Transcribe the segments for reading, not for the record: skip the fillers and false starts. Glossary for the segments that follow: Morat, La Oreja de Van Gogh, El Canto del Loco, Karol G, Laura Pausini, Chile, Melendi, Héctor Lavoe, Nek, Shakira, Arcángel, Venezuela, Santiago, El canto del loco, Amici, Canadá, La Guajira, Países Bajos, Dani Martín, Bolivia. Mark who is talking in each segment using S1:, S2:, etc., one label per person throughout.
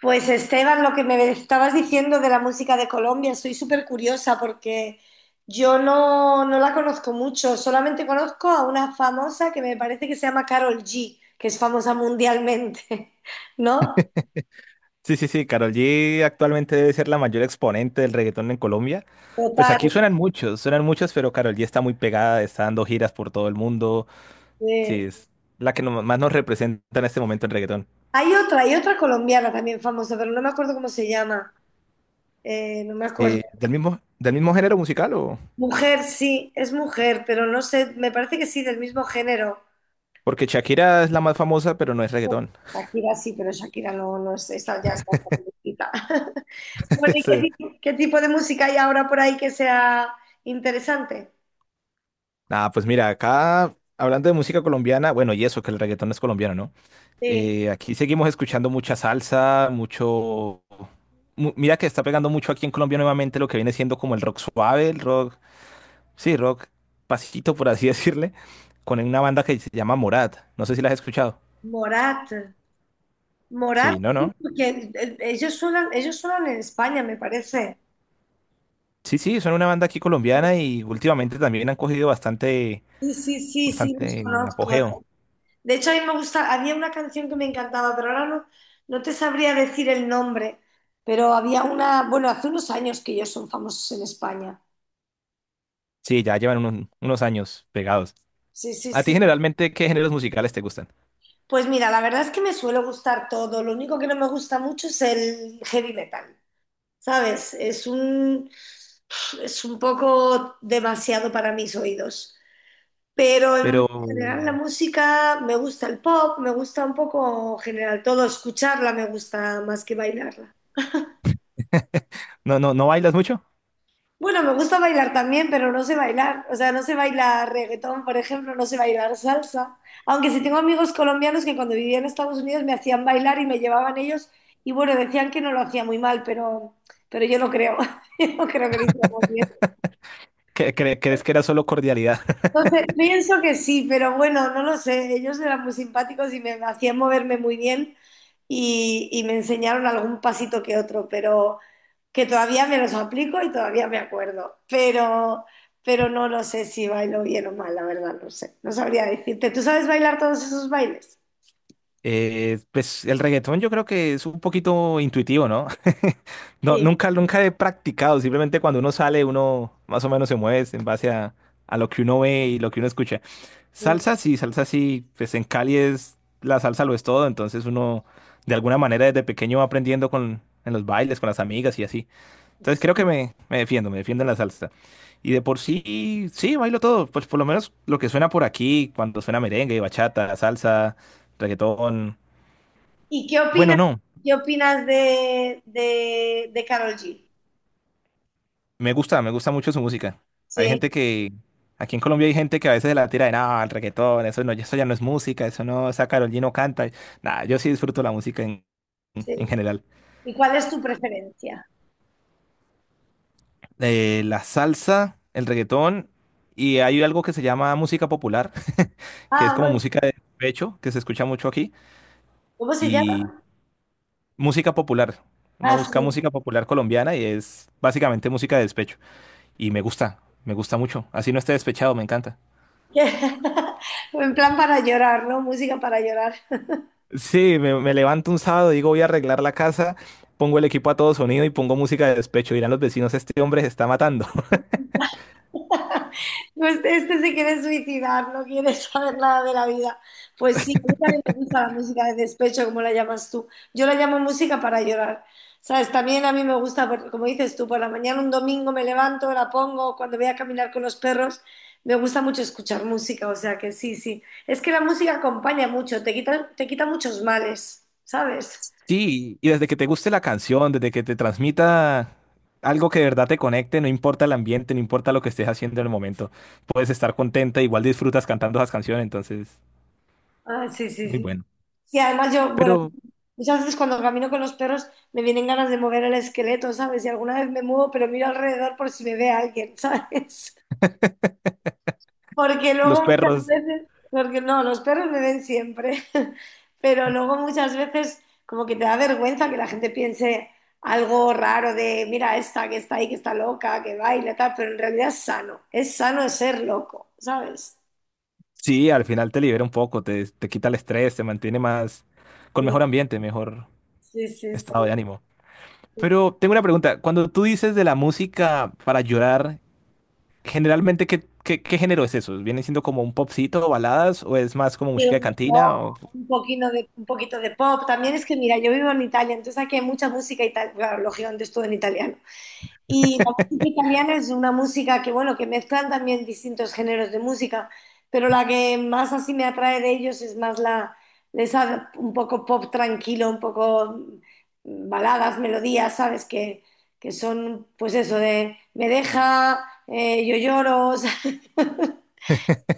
S1: Pues Esteban, lo que me estabas diciendo de la música de Colombia, soy súper curiosa porque yo no la conozco mucho, solamente conozco a una famosa que me parece que se llama Carol G, que es famosa mundialmente, ¿no?
S2: Sí, sí, sí, Karol G actualmente debe ser la mayor exponente del reggaetón en Colombia. Pues
S1: Total.
S2: aquí suenan muchos, pero Karol G está muy pegada, está dando giras por todo el mundo.
S1: eh.
S2: Sí, es la que más nos representa en este momento en reggaetón.
S1: Hay otra colombiana también famosa, pero no me acuerdo cómo se llama, no me acuerdo.
S2: ¿Del mismo género musical o?
S1: Mujer, sí, es mujer, pero no sé, me parece que sí, del mismo género.
S2: Porque Shakira es la más famosa, pero no es reggaetón.
S1: Shakira sí, pero Shakira no es, esa ya está viejita. Bueno, ¿y qué,
S2: Sí.
S1: qué tipo de música hay ahora por ahí que sea interesante?
S2: Nada, pues mira, acá hablando de música colombiana, bueno, y eso, que el reggaetón es colombiano, ¿no?
S1: Sí,
S2: Aquí seguimos escuchando mucha salsa, mira que está pegando mucho aquí en Colombia nuevamente lo que viene siendo como el rock suave, el rock, sí, rock pasito por así decirle, con una banda que se llama Morat. No sé si la has escuchado.
S1: Morat, Morat,
S2: Sí, no, no.
S1: porque ellos suenan en España, me parece.
S2: Sí, sí, son una banda aquí colombiana y últimamente también han cogido bastante,
S1: Sí, sí, sí, sí, los
S2: bastante
S1: conozco.
S2: apogeo.
S1: De hecho, a mí me gusta, había una canción que me encantaba, pero ahora no, no te sabría decir el nombre, pero había una, bueno, hace unos años que ellos son famosos en España.
S2: Sí, ya llevan unos años pegados.
S1: Sí, sí,
S2: ¿A ti
S1: sí.
S2: generalmente qué géneros musicales te gustan?
S1: Pues mira, la verdad es que me suele gustar todo, lo único que no me gusta mucho es el heavy metal. ¿Sabes? Es un poco demasiado para mis oídos. Pero en
S2: Pero...
S1: general la música, me gusta el pop, me gusta un poco en general todo, escucharla me gusta más que bailarla.
S2: No, no, ¿no bailas mucho?
S1: Bueno, me gusta bailar también, pero no sé bailar. O sea, no sé bailar reggaetón, por ejemplo, no sé bailar salsa. Aunque sí tengo amigos colombianos que cuando vivía en Estados Unidos me hacían bailar y me llevaban ellos y bueno, decían que no lo hacía muy mal, pero yo no creo. Yo no creo que lo hiciera muy bien.
S2: ¿Crees que era solo cordialidad?
S1: Entonces, pienso que sí, pero bueno, no lo sé. Ellos eran muy simpáticos y me hacían moverme muy bien y me enseñaron algún pasito que otro, pero que todavía me los aplico y todavía me acuerdo. Pero no lo sé si bailo bien o mal, la verdad, no sé. No sabría decirte. ¿Tú sabes bailar todos esos bailes?
S2: Pues el reggaetón yo creo que es un poquito intuitivo, ¿no? No,
S1: Sí,
S2: nunca, nunca he practicado, simplemente cuando uno sale, uno más o menos se mueve en base a lo que uno ve y lo que uno escucha.
S1: sí,
S2: Salsa sí, pues en Cali es, la salsa lo es todo, entonces uno de alguna manera desde pequeño va aprendiendo en los bailes, con las amigas y así. Entonces creo que me defiendo en la salsa. Y de por sí, sí, bailo todo, pues por lo menos lo que suena por aquí, cuando suena merengue, bachata, salsa, reggaetón.
S1: ¿Y
S2: Bueno, no,
S1: qué opinas de Karol G?
S2: me gusta mucho su música. Hay
S1: Sí.
S2: gente que, aquí en Colombia hay gente que a veces se la tira de nada, el reggaetón, eso no, eso ya no es música, eso no, esa Karol G no canta. Nada, yo sí disfruto la música
S1: Sí.
S2: en general.
S1: ¿Y cuál es tu preferencia?
S2: La salsa, el reggaetón, y hay algo que se llama música popular, que es
S1: Ah,
S2: como
S1: bueno,
S2: música de pecho, que se escucha mucho aquí,
S1: ¿cómo se
S2: y
S1: llama?
S2: música popular. Uno
S1: Ah,
S2: busca
S1: sí.
S2: música popular colombiana y es básicamente música de despecho. Y me gusta mucho. Así no esté despechado, me encanta.
S1: En plan para llorar, ¿no? Música para llorar.
S2: Sí, me levanto un sábado, digo voy a arreglar la casa, pongo el equipo a todo sonido y pongo música de despecho. Dirán los vecinos, este hombre se está matando.
S1: No, este se quiere suicidar, no quiere saber nada de la vida. Pues sí, a mí también me gusta la música de despecho, como la llamas tú. Yo la llamo música para llorar. ¿Sabes? También a mí me gusta, como dices tú, por la mañana un domingo me levanto, la pongo, cuando voy a caminar con los perros, me gusta mucho escuchar música, o sea que sí, sí. Es que la música acompaña mucho, te quita muchos males, ¿sabes?
S2: Sí, y desde que te guste la canción, desde que te transmita algo que de verdad te conecte, no importa el ambiente, no importa lo que estés haciendo en el momento, puedes estar contenta, igual disfrutas cantando esas canciones, entonces
S1: Ah, sí,
S2: es
S1: sí,
S2: muy
S1: sí.
S2: bueno.
S1: Y además yo, bueno,
S2: Pero
S1: muchas veces cuando camino con los perros me vienen ganas de mover el esqueleto, ¿sabes? Y alguna vez me muevo, pero miro alrededor por si me ve alguien, ¿sabes? Porque
S2: los
S1: luego muchas
S2: perros,
S1: veces, porque no, los perros me ven siempre, pero luego muchas veces como que te da vergüenza que la gente piense algo raro de, mira, esta que está ahí, que está loca, que baila, tal, pero en realidad es sano ser loco, ¿sabes?
S2: sí, al final te libera un poco, te quita el estrés, te mantiene más, con
S1: Sí,
S2: mejor ambiente, mejor
S1: sí, sí,
S2: estado de ánimo.
S1: sí.
S2: Pero tengo una pregunta. Cuando tú dices de la música para llorar, generalmente, qué género es eso? ¿Viene siendo como un popcito o baladas o es más como
S1: Y
S2: música de
S1: un
S2: cantina?
S1: pop,
S2: O-
S1: un poquito de pop. También es que, mira, yo vivo en Italia, entonces aquí hay mucha música italiana, claro, lógicamente es todo en italiano. Y la música italiana es una música que, bueno, que mezclan también distintos géneros de música, pero la que más así me atrae de ellos es más la, esa un poco pop tranquilo, un poco baladas, melodías, ¿sabes? Que son, pues eso, de me deja, yo lloro, ¿sabes?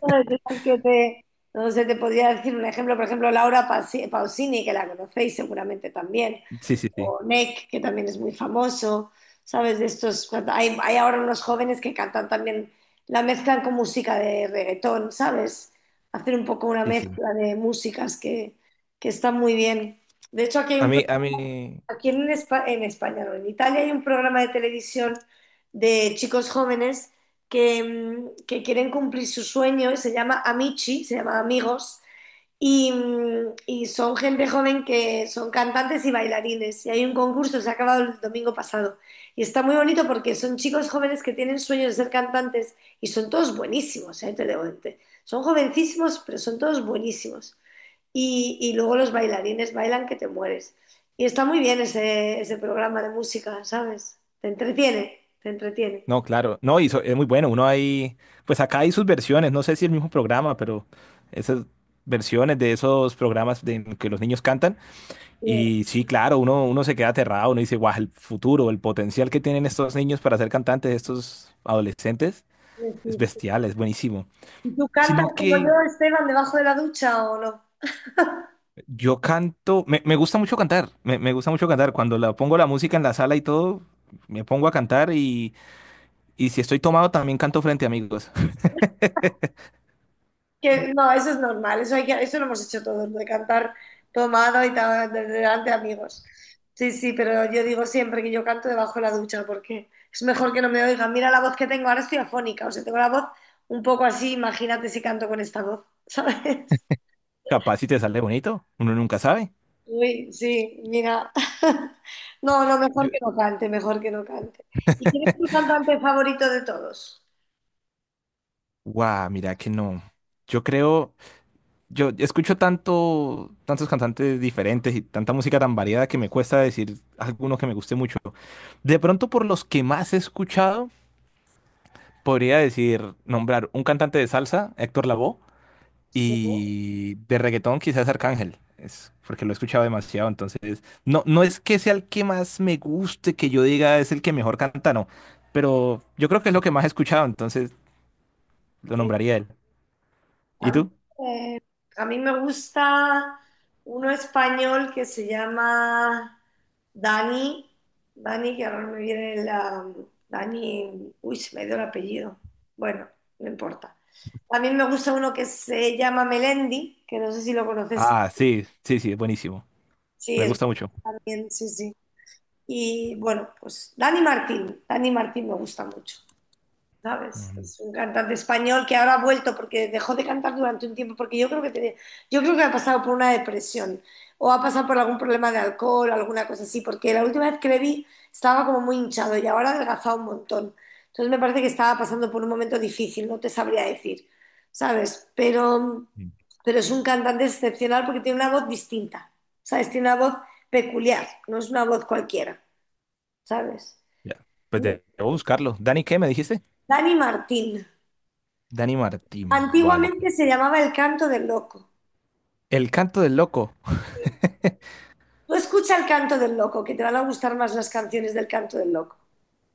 S1: Ay, cosas que no sé, te podría decir un ejemplo, por ejemplo, Laura Pausini, que la conocéis seguramente también,
S2: Sí, sí, sí.
S1: o Nek, que también es muy famoso, ¿sabes? De estos, hay ahora unos jóvenes que cantan también, la mezclan con música de reggaetón, ¿sabes? Hacen un poco una
S2: Sí, sí.
S1: mezcla de músicas que está muy bien. De hecho, aquí hay
S2: A
S1: un
S2: mí, a mí,
S1: aquí en, en España, no, en Italia hay un programa de televisión de chicos jóvenes que, que quieren cumplir su sueño y se llama Amici, se llama Amigos, y, y son gente joven que son cantantes y bailarines. Y hay un concurso, se ha acabado el domingo pasado. Y está muy bonito porque son chicos jóvenes que tienen sueños de ser cantantes y son todos buenísimos, ¿eh? Son jovencísimos, pero son todos buenísimos y luego los bailarines bailan que te mueres. Y está muy bien ese, ese programa de música, ¿sabes? Te entretiene, te entretiene.
S2: no, claro, no, y es muy bueno, uno hay, pues acá hay sus versiones, no sé si el mismo programa, pero esas versiones de esos programas de, en que los niños cantan,
S1: Bien,
S2: y sí, claro, uno se queda aterrado, uno dice, guau, el futuro, el potencial que tienen estos niños para ser cantantes, estos adolescentes,
S1: bien,
S2: es
S1: sí. Sí.
S2: bestial, es buenísimo.
S1: ¿Y tú cantas
S2: Sino
S1: como
S2: que
S1: yo, Esteban, debajo de la ducha o no?
S2: yo canto, me gusta mucho cantar, me gusta mucho cantar. Cuando la pongo la música en la sala y todo, me pongo a cantar y si estoy tomado también canto frente a amigos.
S1: Que no, eso es normal, eso, hay que, eso lo hemos hecho todos, de cantar tomado y tal, delante de amigos. Sí, sí, pero yo digo siempre que yo canto debajo de la ducha porque es mejor que no me oigan. Mira la voz que tengo, ahora estoy afónica, o sea, tengo la voz un poco así, imagínate si canto con esta voz, ¿sabes?
S2: Capaz si te sale bonito, uno nunca sabe.
S1: Uy, sí, mira. No, no, mejor
S2: Yo-
S1: que no cante, mejor que no cante. ¿Y quién es tu cantante favorito de todos?
S2: Guau, mira que no. Yo creo, yo escucho tanto, tantos cantantes diferentes y tanta música tan variada que me cuesta decir alguno que me guste mucho. De pronto, por los que más he escuchado, podría decir, nombrar un cantante de salsa, Héctor Lavoe.
S1: Sí,
S2: Y de reggaetón quizás Arcángel, es porque lo he escuchado demasiado, entonces no, no es que sea el que más me guste, que yo diga es el que mejor canta, no, pero yo creo que es lo que más he escuchado, entonces lo
S1: sí.
S2: nombraría él.
S1: A
S2: ¿Y
S1: mí,
S2: tú?
S1: eh, a mí me gusta uno español que se llama Dani. Dani, que ahora no me viene la... Dani, uy, se me dio el apellido. Bueno, no importa. También me gusta uno que se llama Melendi, que no sé si lo conoces.
S2: Ah, sí, sí, sí, es buenísimo,
S1: Sí,
S2: me
S1: es
S2: gusta mucho.
S1: también, sí, sí. Y bueno, pues Dani Martín, Dani Martín me gusta mucho, ¿sabes?
S2: Ujú.
S1: Es un cantante español que ahora ha vuelto porque dejó de cantar durante un tiempo, porque yo creo que yo creo que ha pasado por una depresión o ha pasado por algún problema de alcohol, alguna cosa así, porque la última vez que le vi estaba como muy hinchado y ahora ha adelgazado un montón. Entonces me parece que estaba pasando por un momento difícil, no te sabría decir, ¿sabes? Pero es un cantante excepcional porque tiene una voz distinta, ¿sabes? Tiene una voz peculiar, no es una voz cualquiera. ¿Sabes?
S2: Ya. Pues debo buscarlo. ¿Dani qué me dijiste?
S1: Dani Martín.
S2: Dani Martín. Vale, pues.
S1: Antiguamente se llamaba El Canto del Loco.
S2: El canto del loco.
S1: Tú escucha El Canto del Loco, que te van a gustar más las canciones del Canto del Loco.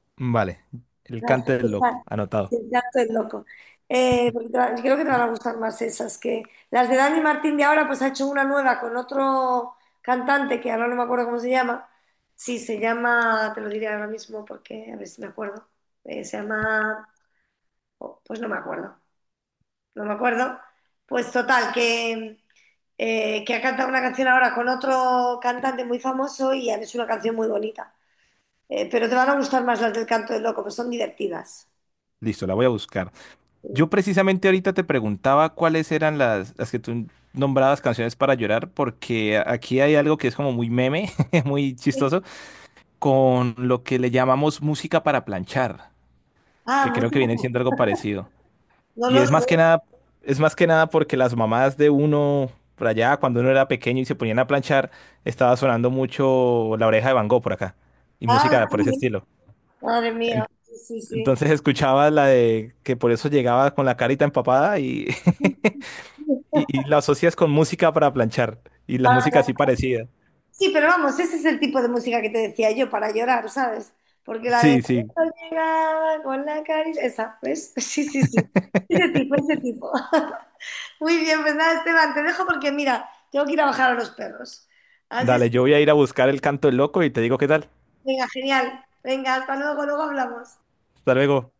S2: Vale, el
S1: Las que
S2: canto del
S1: están-
S2: loco, anotado.
S1: El Canto del Loco. Porque creo que te van
S2: Yo-
S1: a gustar más esas que las de Dani Martín de ahora, pues ha hecho una nueva con otro cantante que ahora no me acuerdo cómo se llama. Sí, se llama, te lo diré ahora mismo porque a ver si me acuerdo. Se llama, oh, pues no me acuerdo, no me acuerdo. Pues total, que ha cantado una canción ahora con otro cantante muy famoso y es una canción muy bonita. Pero te van a gustar más las del canto del loco, que son divertidas.
S2: Listo, la voy a buscar. Yo precisamente ahorita te preguntaba cuáles eran las que tú nombrabas canciones para llorar, porque aquí hay algo que es como muy meme, muy
S1: Sí.
S2: chistoso, con lo que le llamamos música para planchar,
S1: Ah,
S2: que creo
S1: mucho-
S2: que viene siendo algo parecido.
S1: no
S2: Y
S1: lo sé.
S2: es más que nada porque las mamás de uno, por allá, cuando uno era pequeño y se ponían a planchar, estaba sonando mucho La Oreja de Van Gogh por acá, y
S1: Ah,
S2: música por ese
S1: sí,
S2: estilo.
S1: madre mía.
S2: En-
S1: Sí, sí, sí.
S2: Entonces escuchaba la de que por eso llegaba con la carita empapada y... Y, y la asocias con música para planchar. Y la música así
S1: Para-
S2: parecida.
S1: Sí, pero vamos, ese es el tipo de música que te decía yo para llorar, ¿sabes? Porque la de
S2: Sí, sí.
S1: "Cuando llegaba con la caricia", esa, ¿ves? Sí, sí, sí. Ese tipo, ese tipo. Muy bien, pues nada, Esteban, te dejo porque mira, tengo que ir a bajar a los perros. Así es.
S2: Dale, yo voy a ir a buscar el canto del loco y te digo qué tal.
S1: Venga, genial. Venga, hasta luego, luego hablamos.
S2: Hasta luego.